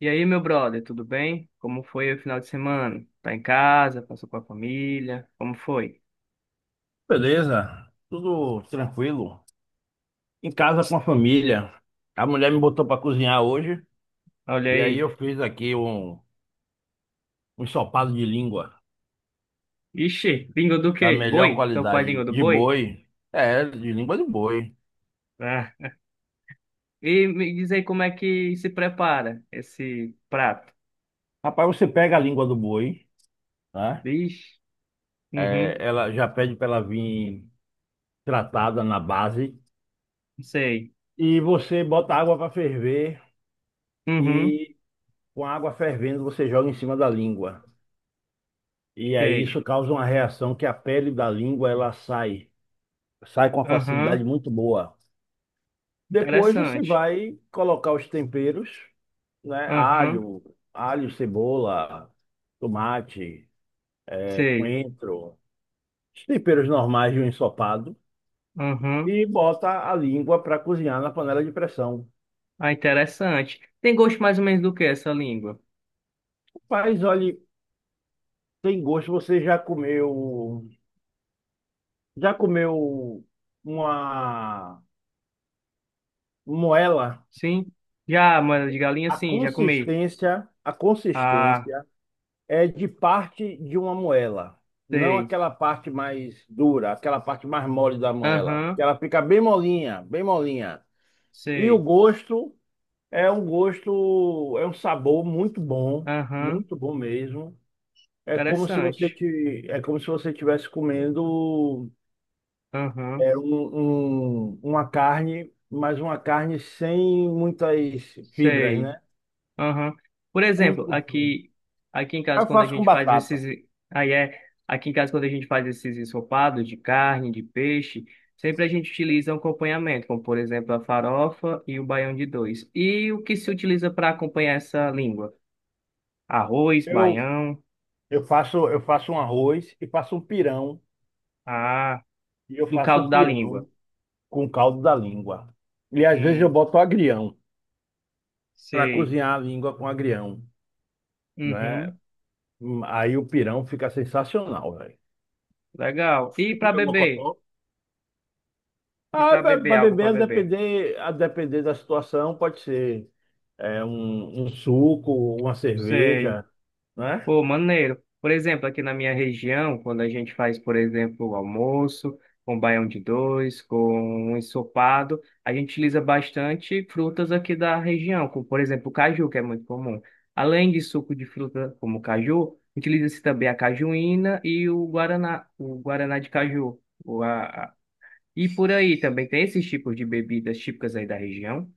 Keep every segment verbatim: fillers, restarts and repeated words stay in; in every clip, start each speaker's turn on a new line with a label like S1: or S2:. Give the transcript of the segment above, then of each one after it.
S1: E aí, meu brother, tudo bem? Como foi o final de semana? Tá em casa? Passou com a família? Como foi?
S2: Beleza, tudo tranquilo. Em casa com a família. A mulher me botou para cozinhar hoje
S1: Olha
S2: e aí
S1: aí.
S2: eu fiz aqui um, um ensopado de língua
S1: Ixi, língua do quê?
S2: da
S1: De boi?
S2: melhor
S1: Teu pai
S2: qualidade
S1: língua do
S2: de
S1: boi?
S2: boi. É, de língua de boi.
S1: Ah. E me diz aí como é que se prepara esse prato.
S2: Rapaz, você pega a língua do boi, tá?
S1: Vixe,
S2: É,
S1: uhum,
S2: ela já pede para ela vir tratada na base
S1: sei.
S2: e você bota água para ferver
S1: Uhum,
S2: e com a água fervendo você joga em cima da língua. E aí
S1: sei.
S2: isso causa uma reação que a pele da língua ela sai. Sai com uma facilidade
S1: Aham,
S2: muito boa. Depois você
S1: interessante.
S2: vai colocar os temperos, né?
S1: Aham,
S2: Alho, alho, cebola, tomate, eh,
S1: sei.
S2: coentro, os temperos normais de um ensopado
S1: Aham,
S2: e bota a língua para cozinhar na panela de pressão.
S1: ah, interessante. Tem gosto mais ou menos do que essa língua?
S2: Mas olha, tem gosto, você já comeu, já comeu uma moela?
S1: Sim? Já, mano, de galinha,
S2: A
S1: sim, já comi.
S2: consistência, a
S1: Ah.
S2: consistência é de parte de uma moela, não
S1: Sei.
S2: aquela parte mais dura, aquela parte mais mole da moela que
S1: Aham,
S2: Ela fica bem molinha, bem molinha. E o
S1: sei.
S2: gosto é um gosto, é um sabor muito bom,
S1: Aham,
S2: muito bom mesmo. É como se você
S1: interessante.
S2: te, é como se você estivesse comendo
S1: Aham,
S2: é, um, um- uma carne, mas uma carne sem muitas fibras,
S1: sei.
S2: né?
S1: Aham. Por
S2: É muito
S1: exemplo,
S2: gostoso.
S1: aqui, aqui em casa,
S2: Eu
S1: quando a
S2: faço com
S1: gente faz
S2: batata.
S1: esses. Aí é. Aqui em casa, quando a gente faz esses ensopados de carne, de peixe, sempre a gente utiliza um acompanhamento, como por exemplo a farofa e o baião de dois. E o que se utiliza para acompanhar essa língua? Arroz,
S2: Eu
S1: baião,
S2: Eu faço, eu faço um arroz e faço um pirão.
S1: ah,
S2: E eu
S1: do
S2: faço
S1: caldo
S2: um
S1: da
S2: pirão
S1: língua.
S2: com caldo da língua. E às vezes eu
S1: Hum,
S2: boto agrião para
S1: sei.
S2: cozinhar a língua com agrião, né?
S1: Uhum,
S2: Hum, Aí o pirão fica sensacional, velho.
S1: legal. E
S2: E
S1: para
S2: comer mocotó?
S1: beber? E
S2: Ah,
S1: para beber,
S2: para
S1: algo
S2: beber,
S1: para
S2: a
S1: beber.
S2: depender, a depender da situação, pode ser é, um, um suco, uma
S1: Sei.
S2: cerveja,
S1: Pô,
S2: né?
S1: maneiro. Por exemplo, aqui na minha região, quando a gente faz, por exemplo, o almoço, com baião de dois, com um ensopado, a gente utiliza bastante frutas aqui da região, como, por exemplo, o caju, que é muito comum. Além de suco de fruta como o caju, utiliza-se também a cajuína e o guaraná, o guaraná de caju. O, a, a- E por aí também tem esses tipos de bebidas típicas aí da região?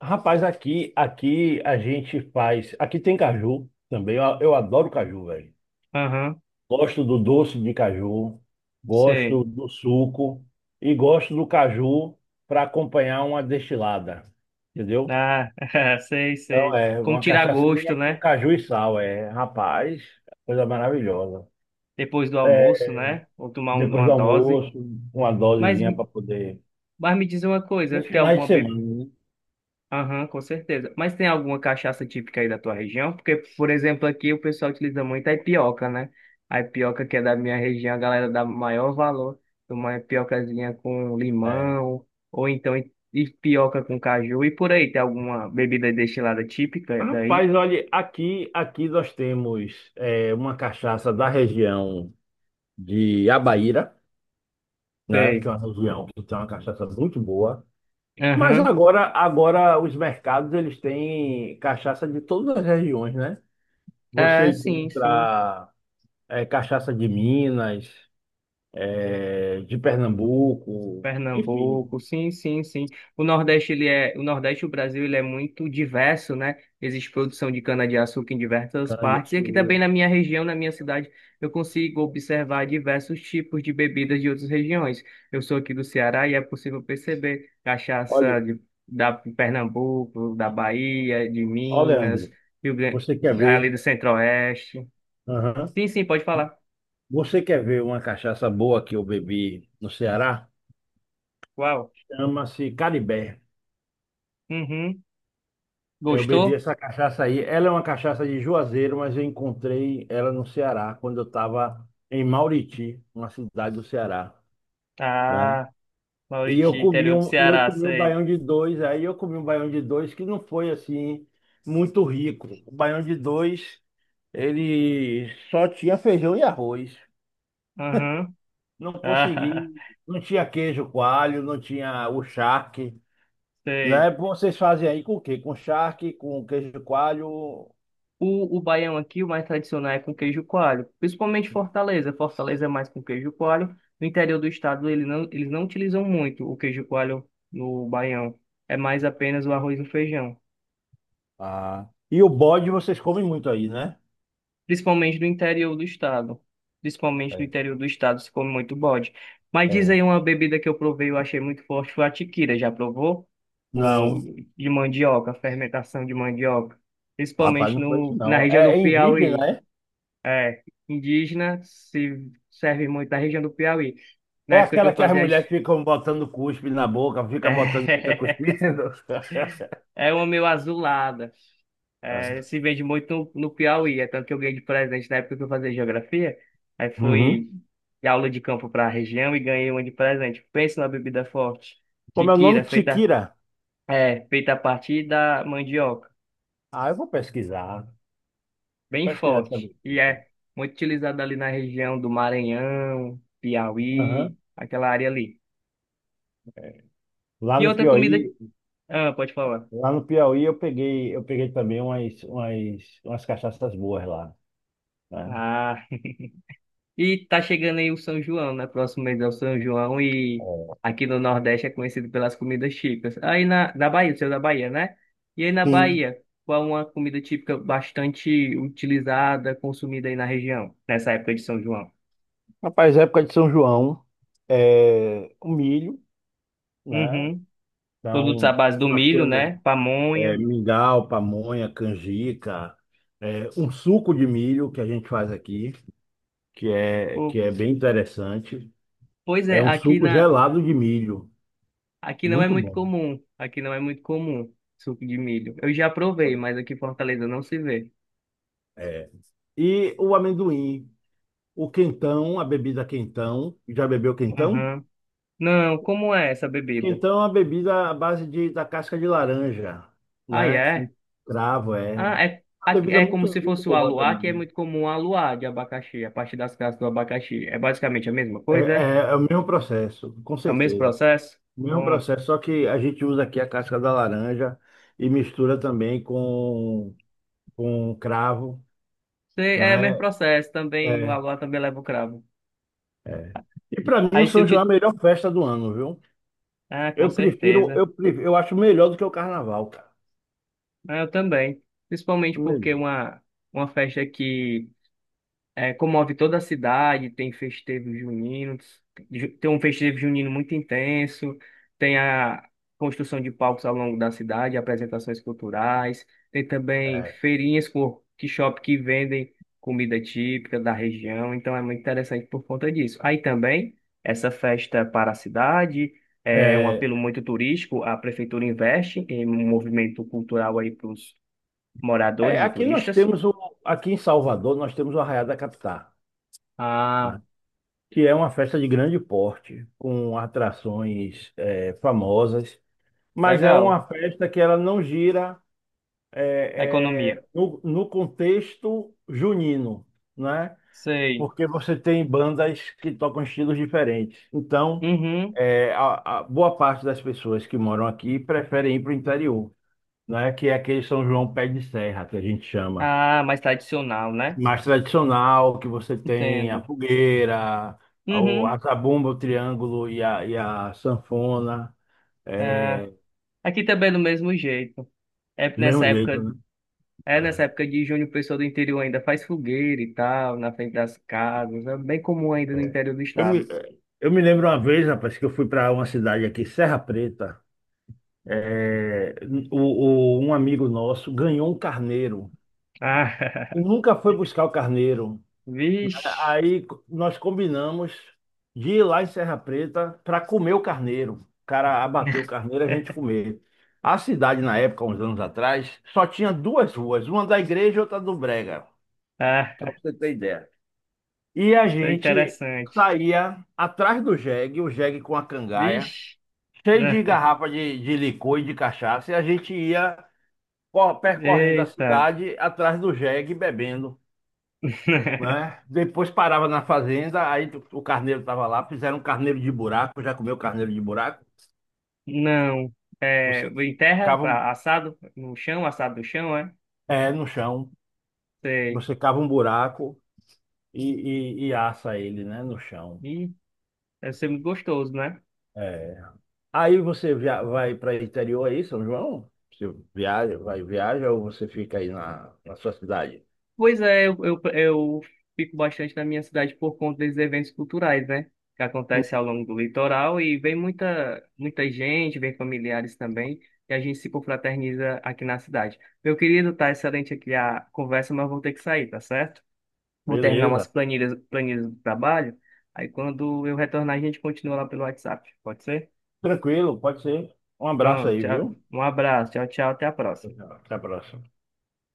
S2: Rapaz, aqui, aqui a gente faz. Aqui tem caju também. Eu, eu adoro caju, velho.
S1: Aham,
S2: Gosto do doce de caju,
S1: sei.
S2: gosto do suco e gosto do caju para acompanhar uma destilada, entendeu?
S1: Ah, sei,
S2: Então
S1: sei.
S2: é
S1: Como
S2: uma
S1: tirar gosto,
S2: cachaçinha com
S1: né?
S2: caju e sal, é, rapaz, coisa maravilhosa.
S1: Depois do
S2: É,
S1: almoço, né? Ou tomar um-
S2: depois
S1: uma
S2: do
S1: dose.
S2: almoço, uma
S1: Mas,
S2: dosezinha
S1: me-
S2: para poder
S1: mas me diz uma coisa,
S2: nos
S1: tem
S2: finais de
S1: alguma bebida?
S2: semana, né?
S1: Aham, com certeza. Mas tem alguma cachaça típica aí da tua região? Porque, por exemplo, aqui o pessoal utiliza muito a ipioca, né? A ipioca que é da minha região, a galera dá maior valor. Uma ipiocazinha com
S2: É.
S1: limão, ou então ipioca com caju. E por aí, tem alguma bebida destilada típica daí?
S2: Rapaz, olha, aqui aqui nós temos é, uma cachaça da região de Abaíra, né? Que
S1: Sei.
S2: é uma região que tem uma cachaça muito boa. Mas
S1: Aham.
S2: agora, agora os mercados eles têm cachaça de todas as regiões, né? Você
S1: É, sim, sim.
S2: encontra eh, cachaça de Minas, eh, de Pernambuco, enfim,
S1: Pernambuco, sim, sim, sim. O Nordeste, ele é, o Nordeste, o Brasil, ele é muito diverso, né? Existe produção de cana-de-açúcar em diversas partes. E aqui
S2: cana-de-açúcar.
S1: também na minha região, na minha cidade, eu consigo observar diversos tipos de bebidas de outras regiões. Eu sou aqui do Ceará e é possível perceber
S2: Olha,
S1: cachaça de, da Pernambuco, da Bahia, de
S2: ó,
S1: Minas,
S2: Leandro,
S1: Rio Grande,
S2: você quer
S1: ali
S2: ver?
S1: do Centro-Oeste.
S2: Aham.
S1: Sim, sim, pode falar.
S2: Você quer ver uma cachaça boa que eu bebi no Ceará?
S1: Uau.
S2: Chama-se Caribé.
S1: Uhum.
S2: Eu bebi
S1: Gostou?
S2: essa cachaça aí. Ela é uma cachaça de Juazeiro, mas eu encontrei ela no Ceará quando eu estava em Mauriti, uma cidade do Ceará, né?
S1: Ah.
S2: E
S1: Mauriti,
S2: eu comi
S1: interior do
S2: um, e eu
S1: Ceará,
S2: comi um
S1: sei.
S2: baião de dois, aí eu comi um baião de dois que não foi assim muito rico. O baião de dois, ele só tinha feijão e arroz.
S1: Aham.
S2: Não consegui,
S1: Ah,
S2: não tinha queijo coalho, não tinha o charque,
S1: sei.
S2: né? Vocês fazem aí com o quê? Com charque, com queijo coalho.
S1: O, o baião aqui, o mais tradicional é com queijo coalho, principalmente Fortaleza. Fortaleza é mais com queijo coalho. No interior do estado, ele não, eles não utilizam muito o queijo coalho no baião. É mais apenas o arroz e o feijão.
S2: Ah. E o bode vocês comem muito aí, né?
S1: Principalmente no interior do estado. Principalmente no
S2: É,
S1: interior do estado se come muito bode. Mas diz
S2: é,
S1: aí uma bebida que eu provei, eu achei muito forte, foi a tiquira. Já provou? Com,
S2: não.
S1: de mandioca, fermentação de mandioca.
S2: Rapaz,
S1: Principalmente
S2: não conheço
S1: no, na
S2: não.
S1: região
S2: É,
S1: do
S2: é indígena,
S1: Piauí.
S2: é?
S1: É, indígena se serve muito na região do Piauí. Na
S2: É
S1: época que
S2: aquela
S1: eu
S2: que as
S1: fazia...
S2: mulheres
S1: as-
S2: ficam botando cuspe na boca, fica botando, fica cuspindo.
S1: É, é uma meio azulada. É, se vende muito no Piauí, é tanto que eu ganhei de presente na época que eu fazia geografia. Aí
S2: Uhum.
S1: fui de aula de campo para a região e ganhei uma de presente. Pensa numa bebida forte.
S2: Como é o nome?
S1: Tiquira, feita,
S2: Tiquira.
S1: é, feita a partir da mandioca.
S2: Ah, eu vou pesquisar. Vou
S1: Bem
S2: pesquisar essa
S1: forte. E
S2: bebida.
S1: é muito utilizada ali na região do Maranhão, Piauí,
S2: Uhum.
S1: aquela área ali.
S2: Lá
S1: E
S2: no
S1: outra comida.
S2: Piauí,
S1: Ah, pode falar.
S2: lá no Piauí eu peguei, eu peguei também umas, umas, umas cachaças boas lá, né?
S1: Ah. E tá chegando aí o São João, né? Próximo mês é o São João e
S2: É.
S1: aqui no Nordeste é conhecido pelas comidas típicas. Aí na, na Bahia, o seu é da Bahia, né? E aí na
S2: Sim.
S1: Bahia, qual é uma comida típica bastante utilizada, consumida aí na região, nessa época de São João?
S2: Rapaz, época de São João, é, o milho, né?
S1: Uhum. Produtos à
S2: Então,
S1: base do
S2: nós
S1: milho,
S2: temos
S1: né?
S2: é,
S1: Pamonha.
S2: mingau, pamonha, canjica, é, um suco de milho que a gente faz aqui, que é, que
S1: Pô,
S2: é bem interessante.
S1: pois
S2: É
S1: é,
S2: um
S1: aqui
S2: suco
S1: na,
S2: gelado de milho,
S1: aqui não é
S2: muito
S1: muito
S2: bom.
S1: comum. Aqui não é muito comum suco de milho. Eu já provei, mas aqui em Fortaleza não se vê.
S2: É. E o amendoim, o quentão, a bebida quentão. Já bebeu quentão?
S1: Aham. Não, como é essa bebida?
S2: Quentão é uma bebida à base de, da casca de laranja,
S1: Ah,
S2: né? Com
S1: é?
S2: cravo, é.
S1: Ah,
S2: Uma
S1: é, a-
S2: bebida
S1: é como
S2: muito,
S1: se
S2: muito
S1: fosse o
S2: boa
S1: aluá, que é
S2: também.
S1: muito comum o aluá de abacaxi, a partir das cascas do abacaxi. É basicamente a mesma
S2: É,
S1: coisa, é?
S2: é, é o mesmo processo, com
S1: É o mesmo
S2: certeza.
S1: processo?
S2: O mesmo
S1: Hum.
S2: processo, só que a gente usa aqui a casca da laranja e mistura também com, com cravo,
S1: Sei, é o
S2: né?
S1: mesmo processo
S2: É,
S1: também, o
S2: é.
S1: aluá também leva o cravo.
S2: é. E para mim o
S1: Aí se eu
S2: São João é a
S1: te...
S2: melhor festa do ano, viu?
S1: Ah, com
S2: Eu prefiro,
S1: certeza.
S2: eu, prefiro- eu acho melhor do que o carnaval, cara.
S1: Ah, eu também. Principalmente
S2: Acho
S1: porque
S2: melhor.
S1: uma, uma festa que É, comove toda a cidade, tem festejos juninos, ju- tem um festejo junino muito intenso, tem a construção de palcos ao longo da cidade, apresentações culturais, tem também
S2: É,
S1: feirinhas com workshop que vendem comida típica da região, então é muito interessante por conta disso. Aí também, essa festa para a cidade é um
S2: é,
S1: apelo muito turístico, a prefeitura investe em um movimento cultural aí para os
S2: é,
S1: moradores e
S2: aqui nós
S1: turistas.
S2: temos o, aqui em Salvador nós temos o Arraiá da Capitá,
S1: Ah,
S2: né? Que é uma festa de grande porte, com atrações é, famosas, mas é
S1: legal.
S2: uma festa que ela não gira.
S1: A
S2: É,
S1: economia.
S2: é, no, no contexto junino, né?
S1: Sei.
S2: Porque você tem bandas que tocam estilos diferentes. Então,
S1: Uhum.
S2: é, a, a boa parte das pessoas que moram aqui preferem ir para o interior, né? Que é aquele São João Pé de Serra, que a gente chama.
S1: Ah, mais tradicional, né?
S2: Mais tradicional, que você tem a
S1: Entendo.
S2: fogueira, o- a
S1: Uhum.
S2: zabumba, o triângulo e a, e a sanfona.
S1: É.
S2: É,
S1: Aqui também é do mesmo jeito. É
S2: do mesmo
S1: nessa
S2: jeito,
S1: época,
S2: né?
S1: é nessa
S2: É.
S1: época de junho, o pessoal do interior ainda faz fogueira e tal, na frente das casas. É bem comum ainda no interior do
S2: Eu me,
S1: estado.
S2: eu me lembro uma vez, rapaz, que eu fui para uma cidade aqui, Serra Preta. É, o, o- um amigo nosso ganhou um carneiro
S1: Ah,
S2: e nunca foi buscar o carneiro. A-
S1: vixe.
S2: Aí co- nós combinamos de ir lá em Serra Preta para comer o carneiro. O cara abateu o carneiro, a gente comer. A cidade, na época, uns anos atrás, só tinha duas ruas, uma da igreja e outra do Brega.
S1: Ah,
S2: Só para você ter ideia. E a
S1: tá
S2: gente
S1: interessante.
S2: saía atrás do jegue, o jegue com a cangaia,
S1: Vixe.
S2: cheio de
S1: né?
S2: garrafa de, de licor e de cachaça, e a gente ia co- percorrendo a
S1: Eita.
S2: cidade atrás do jegue bebendo, né? Depois parava na fazenda, aí tu- o carneiro estava lá, fizeram um carneiro de buraco, já comeu carneiro de buraco?
S1: Não.
S2: Você,
S1: É, em
S2: você
S1: terra,
S2: cava um-
S1: assado no chão, assado no chão, é?
S2: é, no chão,
S1: Sei.
S2: você cava um buraco e, e, e assa ele, né, no chão.
S1: Deve ser muito gostoso, né?
S2: É. Aí você via- vai para o interior aí, São João? Você viaja, vai viaja ou você fica aí na, na sua cidade?
S1: Pois é, eu, eu, eu fico bastante na minha cidade por conta desses eventos culturais, né? Que acontecem ao longo do litoral e vem muita, muita gente, vem familiares também, e a gente se confraterniza aqui na cidade. Meu querido, tá excelente aqui a conversa, mas eu vou ter que sair, tá certo? Vou terminar umas
S2: Beleza.
S1: planilhas, planilhas do trabalho, aí quando eu retornar a gente continua lá pelo WhatsApp, pode ser?
S2: Tranquilo, pode ser. Um abraço
S1: Pronto,
S2: aí,
S1: tchau.
S2: viu?
S1: Um abraço, tchau, tchau, até a
S2: Tchau,
S1: próxima.
S2: tchau. Até a próxima.